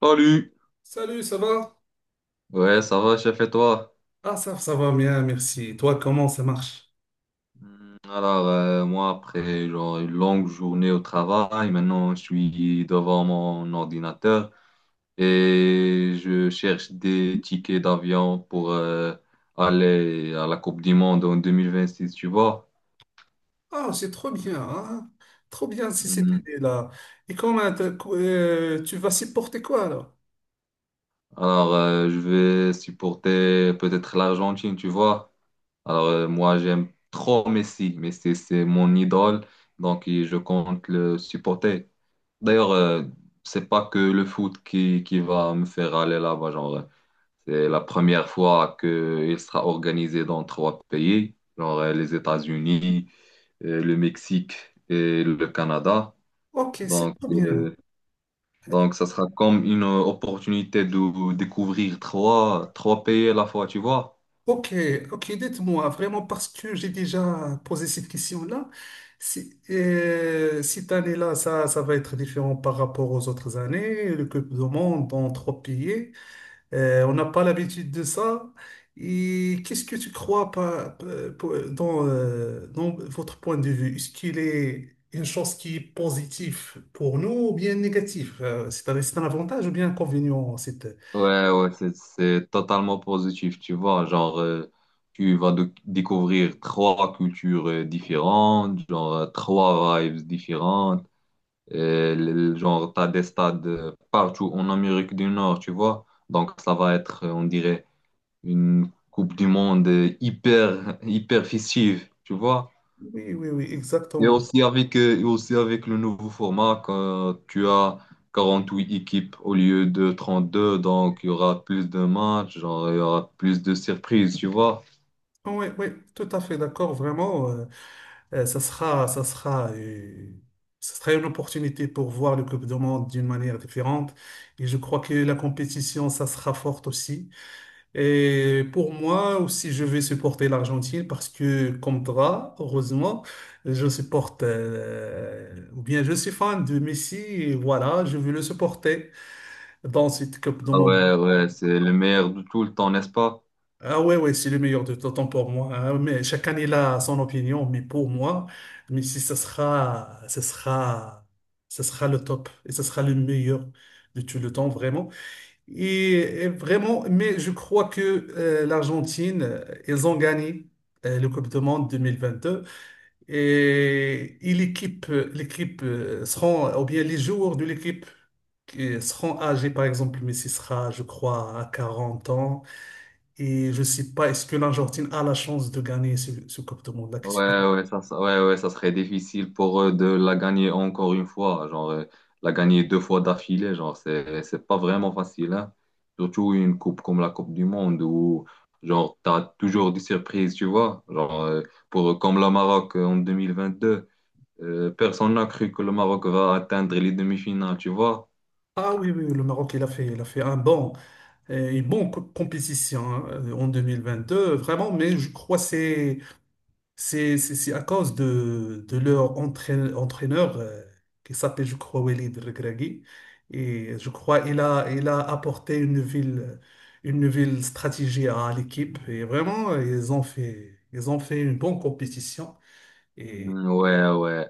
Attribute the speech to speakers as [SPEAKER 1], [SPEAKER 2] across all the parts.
[SPEAKER 1] Salut!
[SPEAKER 2] Salut, ça va?
[SPEAKER 1] Ouais, ça va, chef, et toi?
[SPEAKER 2] Ah, ça va bien, merci. Toi, comment ça marche?
[SPEAKER 1] Moi, après genre, une longue journée au travail, maintenant, je suis devant mon ordinateur et je cherche des tickets d'avion pour aller à la Coupe du Monde en 2026, tu vois?
[SPEAKER 2] Ah, c'est trop bien, hein? Trop bien si c'était
[SPEAKER 1] Hmm,
[SPEAKER 2] là. Et comment tu vas supporter quoi alors?
[SPEAKER 1] Je vais supporter peut-être l'Argentine, tu vois? Moi, j'aime trop Messi. Messi, c'est mon idole, donc je compte le supporter. D'ailleurs, c'est pas que le foot qui va me faire aller là-bas. C'est la première fois qu'il sera organisé dans trois pays, genre les États-Unis, le Mexique et le Canada.
[SPEAKER 2] Ok, c'est
[SPEAKER 1] Donc,
[SPEAKER 2] trop bien.
[SPEAKER 1] euh, donc, ça sera comme une opportunité de découvrir trois pays à la fois, tu vois.
[SPEAKER 2] Ok, ok, dites-moi vraiment parce que j'ai déjà posé cette question-là. Si, cette année-là, ça va être différent par rapport aux autres années. Le Coupe du Monde dans trois pays. On n'a pas l'habitude de ça. Et qu'est-ce que tu crois dans votre point de vue? Est-ce qu'il est une chose qui est positive pour nous ou bien négative? C'est un avantage ou bien un inconvénient?
[SPEAKER 1] Ouais, ouais, c'est totalement positif, tu vois. Tu vas découvrir trois cultures différentes, genre, trois vibes différentes. Euh, le- T'as des stades partout en Amérique du Nord, tu vois. Donc, ça va être, on dirait, une Coupe du Monde hyper, hyper festive, tu vois.
[SPEAKER 2] Oui, oui, oui,
[SPEAKER 1] Et
[SPEAKER 2] exactement.
[SPEAKER 1] aussi avec, le nouveau format, quand tu as 48 équipes au lieu de 32, donc il y aura plus de matchs, genre, il y aura plus de surprises, tu vois.
[SPEAKER 2] Ah oui, oui, tout à fait d'accord, vraiment. Ça sera, ça sera, ça sera une opportunité pour voir le Coupe du Monde d'une manière différente. Et je crois que la compétition, ça sera forte aussi. Et pour moi aussi, je vais supporter l'Argentine parce que, comme toi, heureusement, je supporte, ou bien je suis fan de Messi et voilà, je vais le supporter dans cette Coupe du
[SPEAKER 1] Ah
[SPEAKER 2] Monde.
[SPEAKER 1] ouais, ouais, c'est le meilleur de tout le temps, n'est-ce pas?
[SPEAKER 2] Ah ouais, ouais, c'est le meilleur de tout temps pour moi, hein. Mais chacun il a son opinion, mais pour moi, Messi, ce sera le top et ce sera le meilleur de tout le temps, vraiment. Et vraiment, mais je crois que l'Argentine, ils ont gagné le Coupe du Monde 2022 et l'équipe seront, ou bien les joueurs de l'équipe qui seront âgés, par exemple, Messi sera, je crois, à 40 ans et je ne sais pas, est-ce que l'Argentine a la chance de gagner ce Coupe du Monde-là?
[SPEAKER 1] Ouais, ouais, ça serait difficile pour eux de la gagner encore une fois. La gagner deux fois d'affilée, genre, c'est pas vraiment facile, hein. Surtout une coupe comme la Coupe du Monde où, genre, t'as toujours des surprises, tu vois. Pour, comme le Maroc en 2022, personne n'a cru que le Maroc va atteindre les demi-finales, tu vois.
[SPEAKER 2] Ah oui, oui, oui, le Maroc, il a fait un bon, une bonne compétition, hein, en 2022, vraiment, mais je crois que c'est c'est à cause de leur entraîneur, qui s'appelle, je crois, Walid Regragui. Et je crois il a apporté une nouvelle stratégie à l'équipe. Et vraiment, ils ont fait une bonne compétition.
[SPEAKER 1] Ouais, ouais.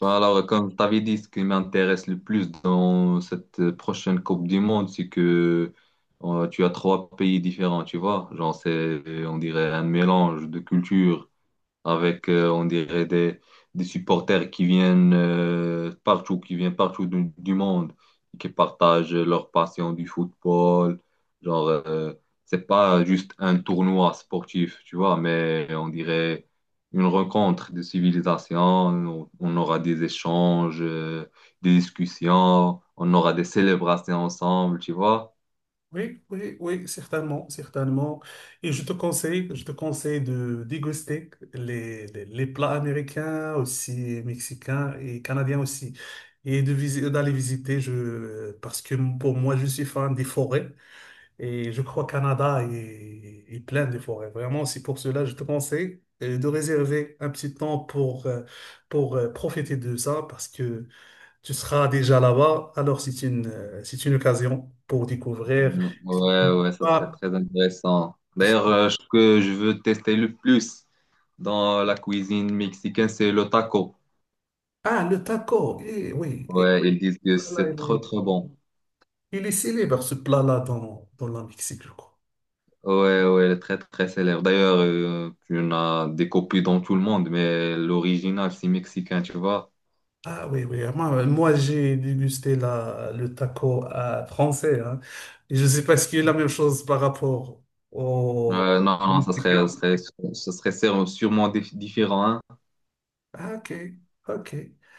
[SPEAKER 1] Alors, comme je t'avais dit, ce qui m'intéresse le plus dans cette prochaine Coupe du Monde, c'est que tu as trois pays différents, tu vois. Genre, c'est, on dirait, un mélange de cultures avec, on dirait, des supporters qui viennent partout, qui viennent partout du monde, qui partagent leur passion du football. Genre, euh, c'est pas juste un tournoi sportif, tu vois, mais on dirait une rencontre de civilisation. On aura des échanges, des discussions, on aura des célébrations ensemble, tu vois.
[SPEAKER 2] Oui, oui, oui, certainement, certainement. Et je te conseille de déguster les plats américains aussi, mexicains et canadiens aussi. Et d'aller visiter, parce que pour moi, je suis fan des forêts et je crois Canada est plein de forêts. Vraiment, c'est pour cela, je te conseille, de réserver un petit temps pour profiter de ça parce que tu seras déjà là-bas. Alors, c'est une occasion pour découvrir.
[SPEAKER 1] Ouais, ouais, ça serait
[SPEAKER 2] Ah,
[SPEAKER 1] très intéressant. D'ailleurs, ce que je veux tester le plus dans la cuisine mexicaine, c'est le taco.
[SPEAKER 2] ah, le taco. Eh, oui, eh,
[SPEAKER 1] Ouais, ils disent que
[SPEAKER 2] là, là,
[SPEAKER 1] c'est
[SPEAKER 2] il est,
[SPEAKER 1] trop bon.
[SPEAKER 2] il est célèbre, ce plat-là, dans la Mexique, je crois.
[SPEAKER 1] Ouais, ouais, très célèbre. D'ailleurs, tu en as des copies dans tout le monde, mais l'original, c'est mexicain, tu vois.
[SPEAKER 2] Ah oui, oui. Ah, moi, moi, j'ai dégusté la, le taco, français, hein. Et je ne sais pas ce qu'il y a la même chose par rapport au
[SPEAKER 1] Non, non,
[SPEAKER 2] Mexicain.
[SPEAKER 1] ça serait sûrement différent, hein.
[SPEAKER 2] Ah, ok, ok.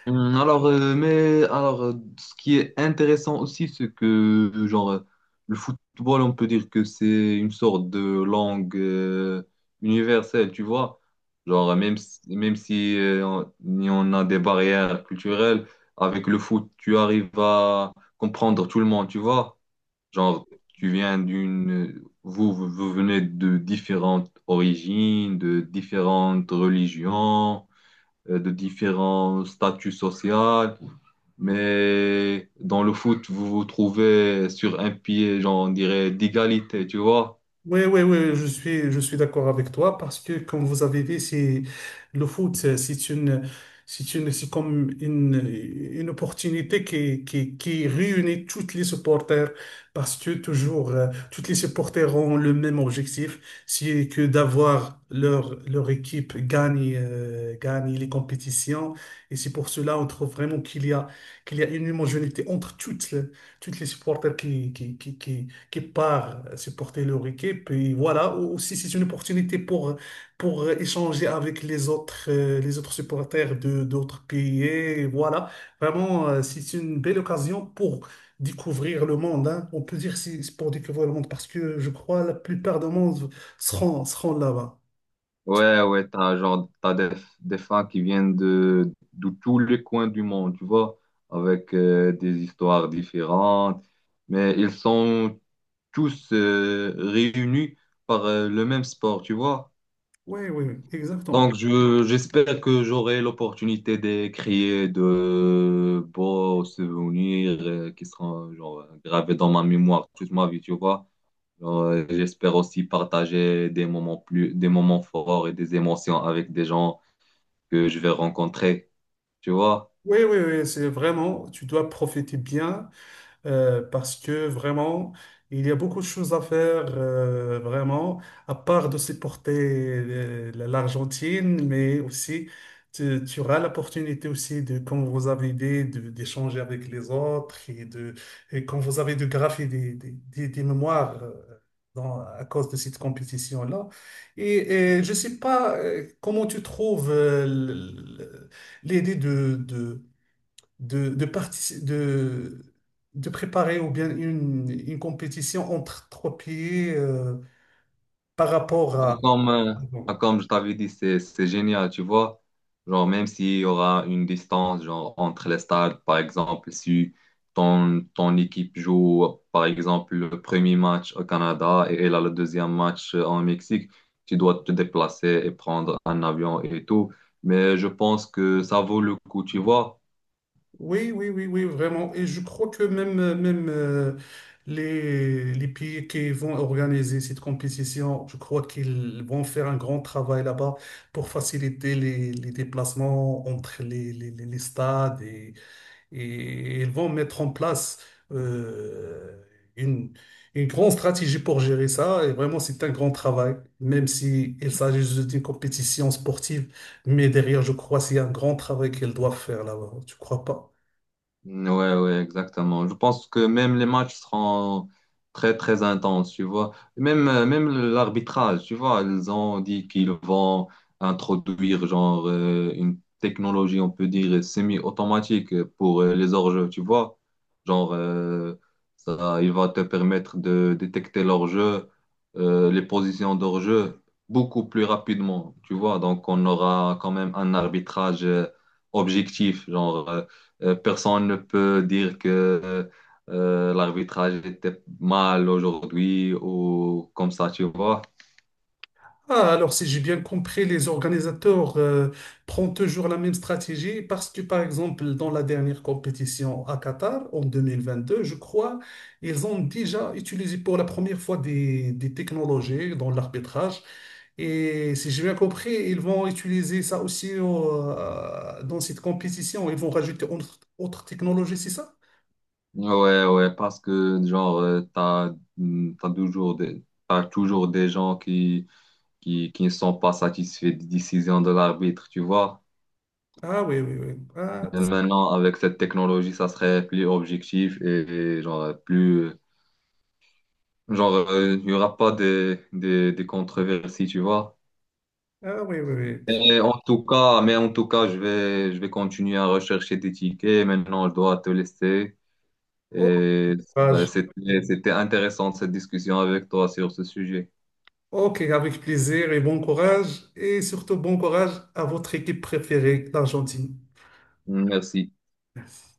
[SPEAKER 1] Alors, ce qui est intéressant aussi, c'est que le football, on peut dire que c'est une sorte de langue universelle, tu vois. Même si, même si on, il y en a des barrières culturelles, avec le foot, tu arrives à comprendre tout le monde, tu vois. Genre, vous, vous vous venez de différentes origines, de différentes religions de différents statuts sociaux. Mais dans le foot, vous vous trouvez sur un pied, genre, on dirait, d'égalité, tu vois?
[SPEAKER 2] Oui, oui, oui, je suis d'accord avec toi parce que, comme vous avez dit, c'est, le foot, c'est c'est comme une une opportunité qui réunit toutes les supporters parce que toujours, toutes les supporters ont le même objectif, c'est que d'avoir leur équipe gagne, gagne les compétitions. Et c'est pour cela, on trouve vraiment qu'il y a une homogénéité entre toutes les supporters qui part supporter le équipe. Puis voilà, aussi c'est une opportunité pour échanger avec les autres supporters de d'autres pays. Et voilà, vraiment, c'est une belle occasion pour découvrir le monde, hein. On peut dire si c'est pour découvrir le monde parce que je crois la plupart du monde seront là-bas.
[SPEAKER 1] Ouais, ouais, t'as des fans qui viennent de tous les coins du monde, tu vois, avec des histoires différentes, mais ils sont tous réunis par le même sport, tu vois?
[SPEAKER 2] Oui, oui, oui, exactement.
[SPEAKER 1] Donc, j'espère que j'aurai l'opportunité de créer de beaux souvenirs qui seront genre, gravés dans ma mémoire toute ma vie, tu vois. J'espère aussi partager des moments forts et des émotions avec des gens que je vais rencontrer, tu vois.
[SPEAKER 2] Oui, oui, oui, c'est vraiment, tu dois profiter bien. Parce que vraiment, il y a beaucoup de choses à faire, vraiment, à part de supporter, l'Argentine, mais aussi, tu auras l'opportunité aussi de, comme vous avez dit, d'échanger avec les autres et de, et comme vous avez de graffer des mémoires, à cause de cette compétition-là. Et, et je ne sais pas, comment tu trouves, l- l'idée de de de préparer ou bien une compétition entre trois pays, par rapport
[SPEAKER 1] Ah,
[SPEAKER 2] à
[SPEAKER 1] Comme, euh,
[SPEAKER 2] avant.
[SPEAKER 1] Comme je t'avais dit, c'est génial, tu vois. Genre, même s'il y aura une distance genre, entre les stades, par exemple, si ton équipe joue, par exemple, le premier match au Canada et elle a le deuxième match en Mexique, tu dois te déplacer et prendre un avion et tout. Mais je pense que ça vaut le coup, tu vois.
[SPEAKER 2] Oui, oui, oui, oui, vraiment. Et je crois que même les pays qui vont organiser cette compétition, je crois qu'ils vont faire un grand travail là-bas pour faciliter les déplacements entre les stades et ils vont mettre en place euh, une, une grande stratégie pour gérer ça. Et vraiment, c'est un grand travail, même si il s'agit juste d'une compétition sportive. Mais derrière, je crois c'est un grand travail qu'ils doivent faire là-bas. Tu crois pas?
[SPEAKER 1] Ouais, ouais, exactement. Je pense que même les matchs seront très intenses, tu vois. Même l'arbitrage, tu vois, ils ont dit qu'ils vont introduire une technologie, on peut dire, semi-automatique pour les hors-jeux, tu vois. Genre, euh, Ça, il va te permettre de détecter l'hors-jeu, les positions d'hors-jeu beaucoup plus rapidement, tu vois. Donc, on aura quand même un arbitrage objectif, genre. Personne ne peut dire que l'arbitrage était mal aujourd'hui ou comme ça, tu vois.
[SPEAKER 2] Ah, alors si j'ai bien compris, les organisateurs, prennent toujours la même stratégie parce que, par exemple, dans la dernière compétition à Qatar, en 2022, je crois, ils ont déjà utilisé pour la première fois des technologies dans l'arbitrage. Et si j'ai bien compris, ils vont utiliser ça aussi, dans cette compétition. Ils vont rajouter autre technologie, c'est ça?
[SPEAKER 1] Ouais, ouais, parce que t'as toujours t'as toujours des gens qui ne sont pas satisfaits des décisions de l'arbitre, tu vois.
[SPEAKER 2] Ah oui, oui, oui. Ah,
[SPEAKER 1] Et maintenant, avec cette technologie, ça serait plus objectif et il n'y aura pas des controversies, tu vois.
[SPEAKER 2] ah oui, oui, oui.
[SPEAKER 1] Mais en tout cas, je vais continuer à rechercher des tickets. Maintenant, je dois te laisser.
[SPEAKER 2] Bon
[SPEAKER 1] Et ça,
[SPEAKER 2] courage.
[SPEAKER 1] c'était intéressant cette discussion avec toi sur ce sujet.
[SPEAKER 2] Ok, avec plaisir et bon courage. Et surtout, bon courage à votre équipe préférée, l'Argentine.
[SPEAKER 1] Merci.
[SPEAKER 2] Merci.